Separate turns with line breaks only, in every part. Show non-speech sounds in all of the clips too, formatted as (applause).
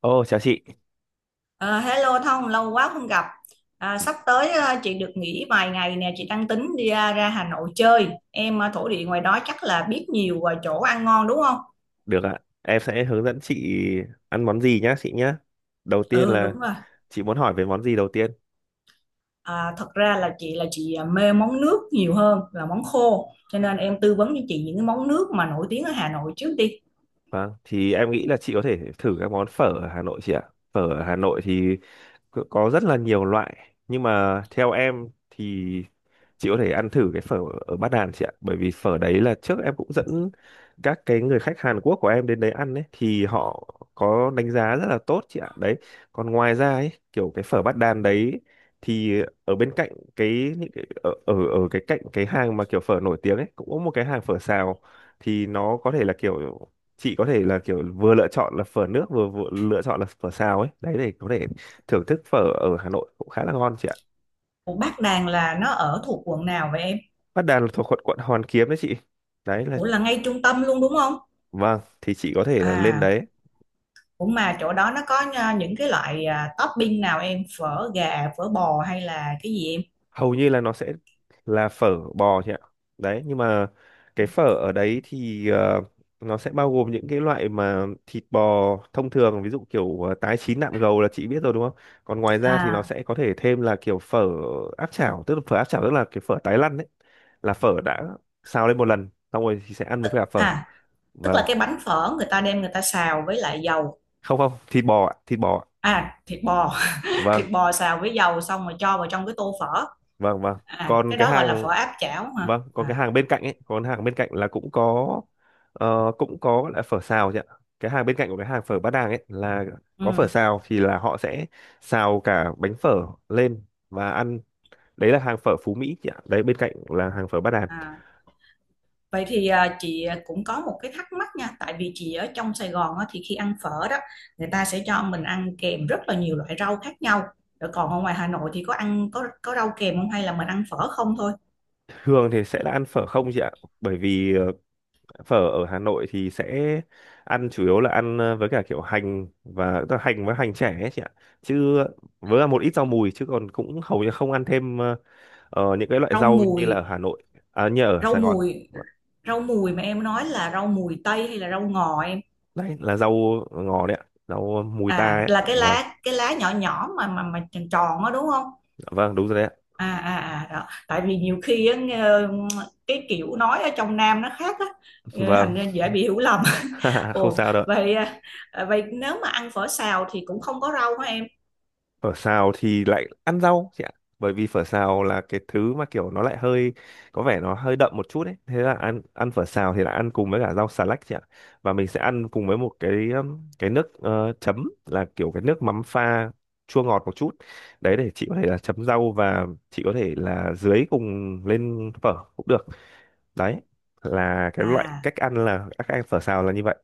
Ồ, chào chị.
Ờ, hello Thông, lâu quá không gặp. À, sắp tới chị được nghỉ vài ngày nè, chị đang tính đi ra, Hà Nội chơi. Em thổ địa ngoài đó chắc là biết nhiều chỗ ăn ngon đúng không?
Được ạ. Em sẽ hướng dẫn chị ăn món gì nhá, chị nhá. Đầu tiên
Ừ,
là
đúng rồi.
chị muốn hỏi về món gì đầu tiên?
À, thật ra là chị mê món nước nhiều hơn là món khô, cho nên em tư vấn cho chị những cái món nước mà nổi tiếng ở Hà Nội trước đi.
Vâng, thì em nghĩ là chị có thể thử các món phở ở Hà Nội chị ạ. Phở ở Hà Nội thì có rất là nhiều loại, nhưng mà theo em thì chị có thể ăn thử cái phở ở Bát Đàn chị ạ. Bởi vì phở đấy là trước em cũng dẫn các cái người khách Hàn Quốc của em đến đấy ăn ấy, thì họ có đánh giá rất là tốt chị ạ. Đấy, còn ngoài ra ấy, kiểu cái phở Bát Đàn đấy thì ở bên cạnh cái những cái ở ở ở cái cạnh cái hàng mà kiểu phở nổi tiếng ấy cũng có một cái hàng phở xào, thì nó có thể là kiểu chị có thể là kiểu vừa lựa chọn là phở nước vừa lựa chọn là phở xào ấy, đấy, để có thể thưởng thức phở ở Hà Nội cũng khá là ngon chị ạ.
Ủa, Bát Đàn là nó ở thuộc quận nào vậy em?
Bát Đàn là thuộc quận quận Hoàn Kiếm đấy chị, đấy là.
Ủa là ngay trung tâm luôn đúng không?
Vâng, thì chị có thể là lên
À,
đấy.
cũng mà chỗ đó nó có những cái loại topping nào em, phở gà phở bò hay là cái gì em?
Hầu như là nó sẽ là phở bò chị ạ, đấy, nhưng mà cái phở ở đấy thì nó sẽ bao gồm những cái loại mà thịt bò thông thường, ví dụ kiểu tái chín nạm gầu là chị biết rồi đúng không. Còn ngoài ra thì nó
à
sẽ có thể thêm là kiểu phở áp chảo, tức là phở áp chảo tức là cái phở tái lăn đấy, là phở đã xào lên một lần xong rồi thì sẽ ăn với cả phở.
à Tức
Vâng,
là cái bánh phở người ta đem người ta xào với lại dầu.
không, không, thịt bò ạ, thịt bò ạ.
À, thịt bò. (laughs)
Vâng.
Thịt bò xào với dầu xong rồi cho vào trong cái tô phở.
Vâng, vâng.
À,
Còn
cái
cái
đó gọi là
hàng,
phở áp chảo hả
vâng, còn cái
à?
hàng bên cạnh ấy, còn hàng bên cạnh là cũng có, cũng có là phở xào chị ạ. Cái hàng bên cạnh của cái hàng phở Bát Đàng ấy là có phở
Ừ.
xào thì là họ sẽ xào cả bánh phở lên và ăn. Đấy là hàng phở Phú Mỹ chị ạ. Đấy bên cạnh là hàng phở Bát Đàn.
À, vậy thì chị cũng có một cái thắc mắc nha, tại vì chị ở trong Sài Gòn á, thì khi ăn phở đó người ta sẽ cho mình ăn kèm rất là nhiều loại rau khác nhau. Rồi còn ở ngoài Hà Nội thì có ăn có rau kèm không hay là mình ăn phở không thôi?
Thường thì sẽ là ăn phở không chị ạ. Bởi vì phở ở Hà Nội thì sẽ ăn chủ yếu là ăn với cả kiểu hành và tức là hành với hành trẻ ấy chị ạ. Chứ với là một ít rau mùi, chứ còn cũng hầu như không ăn thêm những cái loại
Rau
rau như là ở
mùi,
Hà Nội, à, như ở
rau
Sài Gòn.
mùi.
Vâng.
Rau mùi mà em nói là rau mùi tây hay là rau ngò em?
Đấy là rau ngò đấy ạ, rau mùi ta ấy
À,
ạ.
là cái
Vâng.
lá, cái lá nhỏ nhỏ mà tròn tròn á đúng không?
Vâng, đúng rồi đấy ạ.
Đó. Tại vì nhiều khi á, cái kiểu nói ở trong Nam nó khác á,
(laughs) Vâng.
thành ra dễ bị hiểu lầm. (laughs)
(laughs) Không
Ồ
sao đâu ạ.
vậy à? À, vậy nếu mà ăn phở xào thì cũng không có rau hả em?
Phở xào thì lại ăn rau chị ạ, bởi vì phở xào là cái thứ mà kiểu nó lại hơi có vẻ nó hơi đậm một chút ấy, thế là ăn ăn phở xào thì lại ăn cùng với cả rau xà lách chị ạ, và mình sẽ ăn cùng với một cái nước chấm là kiểu cái nước mắm pha chua ngọt một chút, đấy, để chị có thể là chấm rau và chị có thể là dưới cùng lên phở cũng được. Đấy là cái loại
À,
cách ăn, là cách ăn phở xào là như vậy.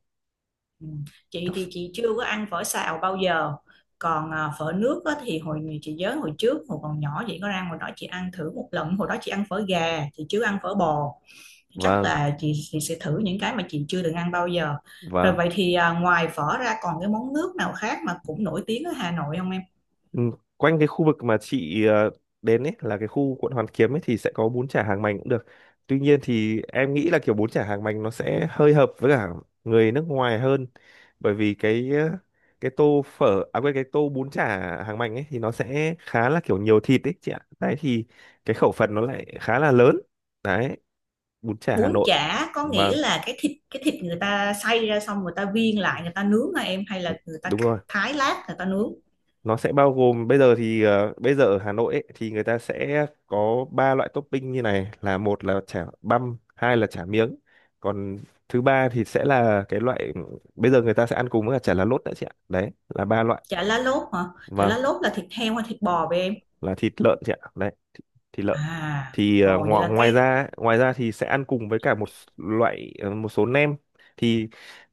ừ. Chị thì chị chưa có ăn phở xào bao giờ. Còn phở nước á, thì hồi chị nhớ, hồi trước hồi còn nhỏ chị có ra ngoài đó chị ăn thử một lần, hồi đó chị ăn phở gà chị chưa ăn phở bò. Chắc
Vâng.
là chị sẽ thử những cái mà chị chưa từng ăn bao giờ. Rồi
Vâng.
vậy thì ngoài phở ra còn cái món nước nào khác mà cũng nổi tiếng ở Hà Nội không em?
Ừ, quanh cái khu vực mà chị đến ấy là cái khu quận Hoàn Kiếm ấy thì sẽ có bún chả hàng mành cũng được. Tuy nhiên thì em nghĩ là kiểu bún chả hàng mành nó sẽ hơi hợp với cả người nước ngoài hơn, bởi vì cái cái tô phở à quên cái tô bún chả hàng mành ấy thì nó sẽ khá là kiểu nhiều thịt ấy chị ạ. Đấy thì cái khẩu phần nó lại khá là lớn. Đấy, bún chả Hà
Bún
Nội.
chả có
Vâng,
nghĩa là cái thịt người ta xay ra xong người ta viên lại người ta nướng hả em, hay là người ta
đúng
cắt
rồi.
thái lát người ta nướng?
Nó sẽ bao gồm, bây giờ thì bây giờ ở Hà Nội ấy, thì người ta sẽ có ba loại topping như này, là một là chả băm, hai là chả miếng, còn thứ ba thì sẽ là cái loại bây giờ người ta sẽ ăn cùng với cả chả lá lốt nữa chị ạ, đấy là ba loại.
Chả lá lốt hả? Chả
Vâng.
lá lốt là thịt heo hay thịt bò vậy em?
Là thịt lợn chị ạ, đấy, thịt lợn.
À,
Thì
ồ vậy
ngoài
là cái.
ngoài ra thì sẽ ăn cùng với cả một loại một số nem. Thì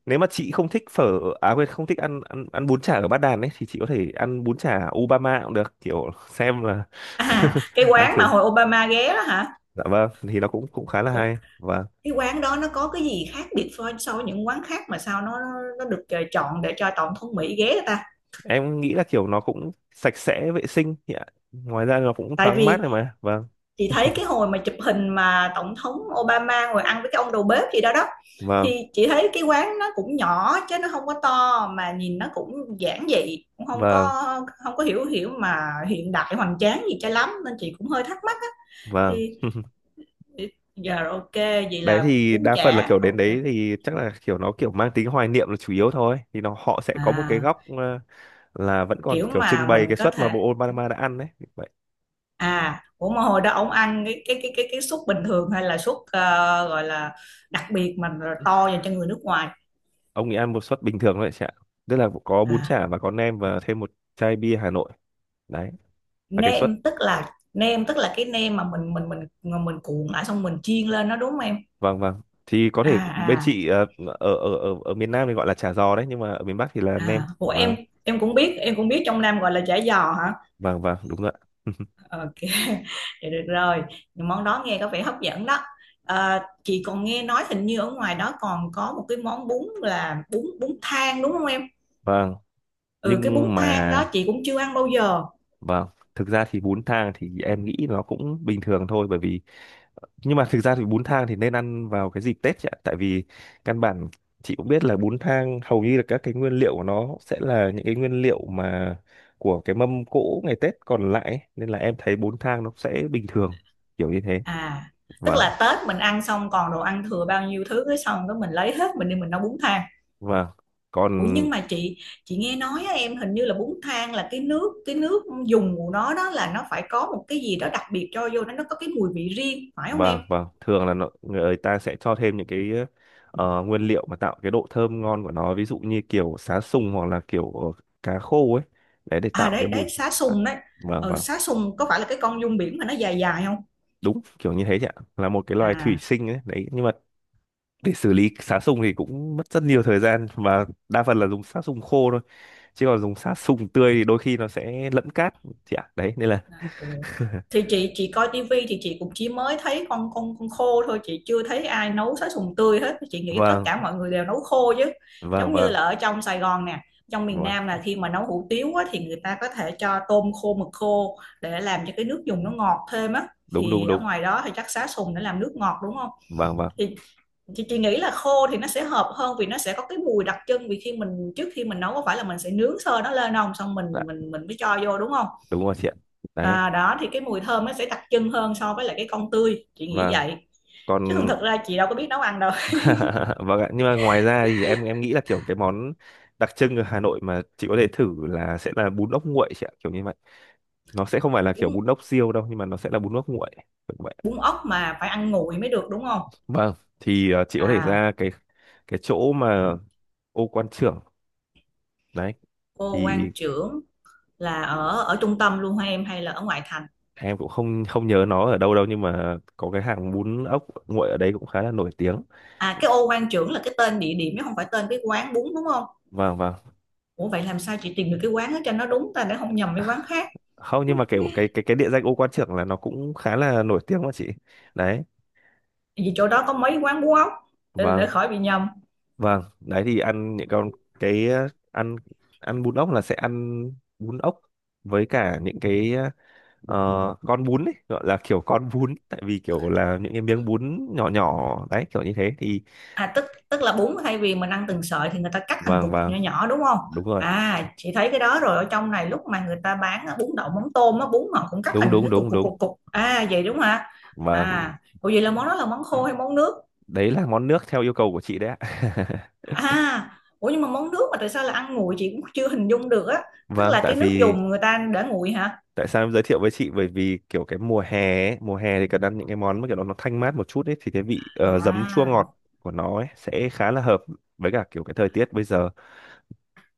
nếu mà chị không thích phở à quên không thích ăn ăn ăn bún chả ở Bát Đàn ấy, thì chị có thể ăn bún chả Obama cũng được, kiểu xem là
À,
(laughs)
cái
ăn
quán mà
thử.
hồi Obama ghé đó hả?
Dạ vâng, thì nó cũng cũng khá là
Cô-
hay và
cái quán đó nó có cái gì khác biệt so so với những quán khác mà sao nó được chọn để cho tổng thống Mỹ ghé?
em nghĩ là kiểu nó cũng sạch sẽ vệ sinh thì ạ. Ngoài ra nó cũng
Tại
thoáng mát
vì
rồi mà. Vâng.
chị thấy cái hồi mà chụp hình mà tổng thống Obama ngồi ăn với cái ông đầu bếp gì đó đó,
Vâng.
thì chị thấy cái quán nó cũng nhỏ chứ nó không có to, mà nhìn nó cũng giản dị, cũng không
Vâng.
có, không có hiểu hiểu mà hiện đại hoành tráng gì cho lắm, nên chị cũng hơi thắc mắc á.
Vâng.
Thì
(laughs)
giờ rồi, ok, vậy
Đấy
là
thì
bún
đa phần là
chả
kiểu đến
ok.
đấy thì chắc là kiểu nó kiểu mang tính hoài niệm là chủ yếu thôi, thì nó họ sẽ có một cái
À,
góc là vẫn còn
kiểu
kiểu trưng
mà
bày
mình
cái
có
suất mà
thể.
bộ Obama đã ăn đấy. Vậy
À, ủa mà hồi đó ông ăn cái suất bình thường hay là suất gọi là đặc biệt mà to dành cho người nước ngoài?
ông ấy ăn một suất bình thường thôi, chả tức là có bún
À,
chả và có nem và thêm một chai bia Hà Nội, đấy là cái suất.
nêm tức là cái nêm mà mình cuộn lại xong mình chiên lên nó đúng không em?
Vâng. Vâng, thì có
à
thể bên
à
chị ở ở ở ở miền Nam thì gọi là chả giò đấy, nhưng mà ở miền Bắc thì là nem.
của
Vâng.
em cũng biết, em cũng biết trong Nam gọi là chả giò hả?
Vâng. Vâng, đúng rồi ạ. (laughs)
Ok. (laughs) Vậy được rồi. Nhưng món đó nghe có vẻ hấp dẫn đó. À, chị còn nghe nói hình như ở ngoài đó còn có một cái món bún là bún bún thang đúng không em?
Vâng,
Ừ, cái bún
nhưng mà.
thang đó chị cũng chưa ăn bao giờ.
Vâng. Thực ra thì bún thang thì em nghĩ nó cũng bình thường thôi, bởi vì, nhưng mà thực ra thì bún thang thì nên ăn vào cái dịp Tết chị ạ, tại vì căn bản chị cũng biết là bún thang hầu như là các cái nguyên liệu của nó sẽ là những cái nguyên liệu mà của cái mâm cỗ ngày Tết còn lại ấy, nên là em thấy bún thang nó sẽ bình thường kiểu như thế.
À, tức
Vâng.
là Tết mình ăn xong còn đồ ăn thừa bao nhiêu thứ, cái xong cái mình lấy hết mình đi mình nấu bún thang?
Vâng, còn.
Ủa nhưng mà chị nghe nói á, em hình như là bún thang là cái nước dùng của nó đó, là nó phải có một cái gì đó đặc biệt cho vô, nó có cái mùi vị riêng phải không em?
Vâng. Vâng, thường là nó, người ta sẽ cho thêm những cái nguyên liệu mà tạo cái độ thơm ngon của nó, ví dụ như kiểu sá sùng hoặc là kiểu cá khô ấy, đấy, để
À
tạo cái
đấy
mùi.
đấy, xá sùng đấy.
Vâng.
Ờ,
Vâng,
xá sùng có phải là cái con giun biển mà nó dài dài không?
đúng kiểu như thế chị ạ, là một cái loài thủy
À.
sinh ấy. Đấy nhưng mà để xử lý sát sùng thì cũng mất rất nhiều thời gian và đa phần là dùng sát sùng khô thôi, chứ còn dùng sát sùng tươi thì đôi khi nó sẽ lẫn cát chị ạ, đấy nên là.
Ồ. Thì chị coi tivi thì chị cũng chỉ mới thấy con khô thôi, chị chưa thấy ai nấu sá sùng tươi hết, chị nghĩ tất
Vâng.
cả mọi người đều nấu khô chứ.
Vâng.
Giống như
Vâng.
là ở trong Sài Gòn nè, trong miền
Vâng.
Nam là khi mà nấu hủ tiếu á, thì người ta có thể cho tôm khô mực khô để làm cho cái nước dùng nó ngọt thêm á.
Đúng, đúng,
Thì ở
đúng.
ngoài đó thì chắc sá sùng để làm nước ngọt đúng không?
Vâng. Vâng.
Thì chị nghĩ là khô thì nó sẽ hợp hơn vì nó sẽ có cái mùi đặc trưng, vì khi trước khi mình nấu có phải là mình sẽ nướng sơ nó lên không, xong
Dạ,
mình mới cho vô đúng không?
đúng rồi chị ạ. Đấy.
À, đó thì cái mùi thơm nó sẽ đặc trưng hơn so với lại cái con tươi, chị nghĩ
Vâng.
vậy. Chứ
Còn.
thường thực ra chị đâu có biết nấu ăn đâu.
(laughs) Vâng ạ, nhưng mà ngoài ra thì em nghĩ là kiểu cái món đặc trưng ở Hà Nội mà chị có thể thử là sẽ là bún ốc nguội chị ạ, kiểu như vậy. Nó sẽ không phải là kiểu
(laughs) bún
bún ốc riêu đâu, nhưng mà nó sẽ là bún ốc nguội.
bún ốc mà phải ăn nguội mới được đúng không?
Vâng, thì chị có thể
À,
ra cái chỗ mà ô quan trưởng, đấy
ô quan
thì
trưởng. Là ở ở trung tâm luôn hả em hay là ở ngoại thành?
em cũng không không nhớ nó ở đâu đâu, nhưng mà có cái hàng bún ốc nguội ở đấy cũng khá là nổi tiếng.
À, cái ô quan trưởng là cái tên địa điểm chứ không phải tên cái quán bún đúng không?
Vâng, vâng.
Ủa vậy làm sao chị tìm được cái quán đó cho nó đúng ta, để không nhầm với quán khác?
Không, nhưng mà kiểu cái địa danh ô quan trưởng là nó cũng khá là nổi tiếng mà chị. Đấy.
Vì chỗ đó có mấy quán bún ốc, để
Vâng,
khỏi bị nhầm.
vâng. Đấy thì ăn những con cái ăn ăn bún ốc là sẽ ăn bún ốc với cả những cái ờ, con bún ấy, gọi là kiểu con bún, tại vì kiểu là những cái miếng bún nhỏ nhỏ đấy kiểu như thế thì.
À, tức tức là bún thay vì mình ăn từng sợi thì người ta cắt thành
Vâng.
cục cục
Vâng,
nhỏ nhỏ đúng không?
đúng rồi ạ.
À, chị thấy cái đó rồi, ở trong này lúc mà người ta bán bún đậu mắm tôm á, bún họ cũng cắt
Đúng,
thành những
đúng,
cái cục
đúng,
cục
đúng.
cục cục à, vậy đúng không?
Vâng.
À, ủa vậy là món đó là món khô hay món nước?
Đấy là món nước theo yêu cầu của chị đấy ạ.
À, ủa nhưng mà món nước mà tại sao là ăn nguội, chị cũng chưa hình dung được á.
(laughs)
Tức
Vâng,
là
tại
cái nước
vì,
dùng người ta để nguội hả?
tại sao em giới thiệu với chị, bởi vì kiểu cái mùa hè ấy, mùa hè thì cần ăn những cái món mà kiểu nó thanh mát một chút ấy, thì cái vị giấm chua
à,
ngọt của nó ấy sẽ khá là hợp với cả kiểu cái thời tiết bây giờ.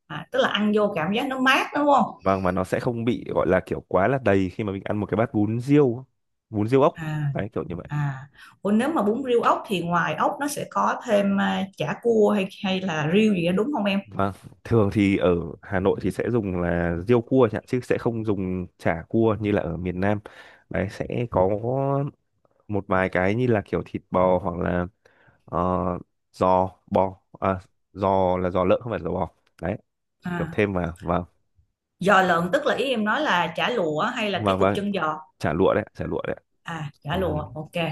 À, tức là ăn vô cảm giác nó mát đúng không?
Vâng, mà nó sẽ không bị gọi là kiểu quá là đầy khi mà mình ăn một cái bát bún riêu, bún riêu ốc,
à
đấy kiểu như vậy.
À, ủa nếu mà bún riêu ốc thì ngoài ốc nó sẽ có thêm chả cua hay hay là riêu gì đó đúng không em?
Vâng, thường thì ở Hà Nội thì sẽ dùng là riêu cua chẳng, chứ sẽ không dùng chả cua như là ở miền Nam. Đấy sẽ có một vài cái như là kiểu thịt bò hoặc là ờ, giò bò, à, giò là giò lợn không phải giò bò. Đấy, kiểu
À,
thêm vào, vâng.
giò lợn tức là ý em nói là chả lụa hay là cái
Vâng
cục
vâng,
chân giò?
chả lụa đấy, chả lụa đấy.
À, chả
Ừ.
lụa ok.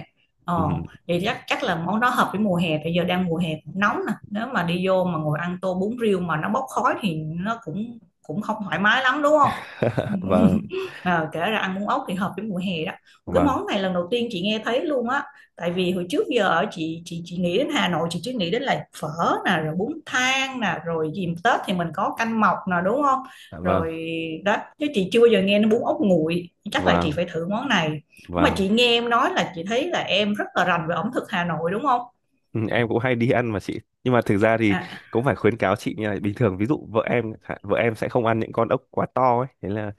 ờ
Ừ.
Vậy chắc chắc là món đó hợp với mùa hè, bây giờ đang mùa hè cũng nóng nè, nếu mà đi vô mà ngồi ăn tô bún riêu mà nó bốc khói thì nó cũng cũng không thoải mái lắm đúng không?
(laughs)
(laughs)
Vâng,
Ờ, Kể ra ăn bún ốc thì hợp với mùa hè đó. Một cái
vâng,
món này lần đầu tiên chị nghe thấy luôn á, tại vì hồi trước giờ ở chị nghĩ đến Hà Nội, chị chỉ nghĩ đến là phở nè, rồi bún thang nè, rồi dìm Tết thì mình có canh mọc nè đúng không?
vâng, vâng,
Rồi đó, chứ chị chưa bao giờ nghe đến bún ốc nguội, chắc là chị
vâng.
phải thử món này. Mà
Vâng.
chị nghe em nói là chị thấy là em rất là rành về ẩm thực Hà Nội đúng không?
Ừ, em cũng hay đi ăn mà chị, nhưng mà thực ra thì
À,
cũng phải khuyến cáo chị như này, bình thường ví dụ vợ em chẳng, vợ em sẽ không ăn những con ốc quá to ấy, thế là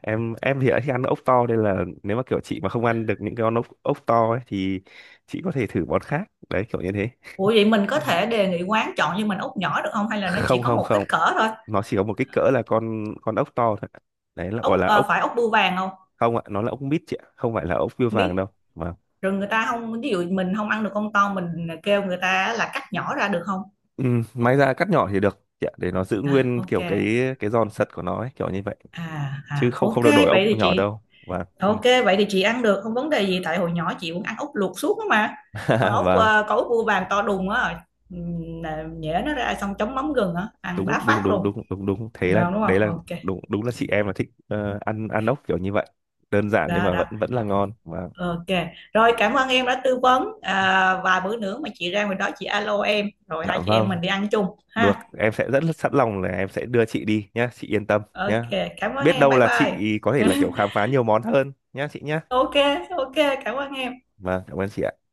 em thì đã thích ăn ốc to, nên là nếu mà kiểu chị mà không ăn được những con ốc ốc to ấy thì chị có thể thử món khác đấy, kiểu như thế.
ủa vậy mình có
Ừ.
thể đề nghị quán chọn cho mình ốc nhỏ được không? Hay là nó chỉ
Không,
có
không,
một kích
không,
cỡ thôi?
nó chỉ có một kích cỡ là con ốc to thôi ạ. Đấy là gọi
Ốc
là ốc.
phải ốc bươu vàng không?
Không ạ, nó là ốc mít chị ạ, không phải là ốc
Không
bươu vàng
biết.
đâu mà.
Rồi người ta không, ví dụ mình không ăn được con to mình kêu người ta là cắt nhỏ ra được không?
Ừ, may ra cắt nhỏ thì được chị ạ, để nó giữ
À,
nguyên
ok.
kiểu cái giòn sật của nó ấy, kiểu như vậy.
À,
Chứ
à,
không,
ok
không được đổi
vậy thì
ông nhỏ
chị.
đâu, và
Ok vậy thì chị ăn được không vấn đề gì, tại hồi nhỏ chị cũng ăn ốc luộc suốt á mà. Còn
(laughs)
ốc
vâng.
có ốc bươu vàng to đùng á, ừm, nhễ nó ra xong chấm mắm gừng á ăn
Đúng,
bá
đúng,
phát
đúng,
luôn.
đúng, đúng, đúng, thế là
Nào đúng không?
đấy là
Ok,
đúng, đúng là chị em là thích ăn ăn ốc kiểu như vậy, đơn giản nhưng
đó
mà
đó.
vẫn vẫn là ngon và.
Ok. Rồi cảm ơn em đã tư vấn và bữa nữa mà chị ra ngoài đó chị alo em rồi
Dạ
hai chị em
vâng,
mình đi ăn chung
được,
ha.
em sẽ rất là sẵn lòng là em sẽ đưa chị đi nhá, chị yên tâm
Ok,
nhá.
cảm ơn
Biết
em.
đâu
Bye
là
bye.
chị có thể là kiểu
(laughs)
khám phá nhiều món hơn nhá chị nhá.
Ok, ok, cảm ơn em.
Vâng, cảm ơn chị ạ.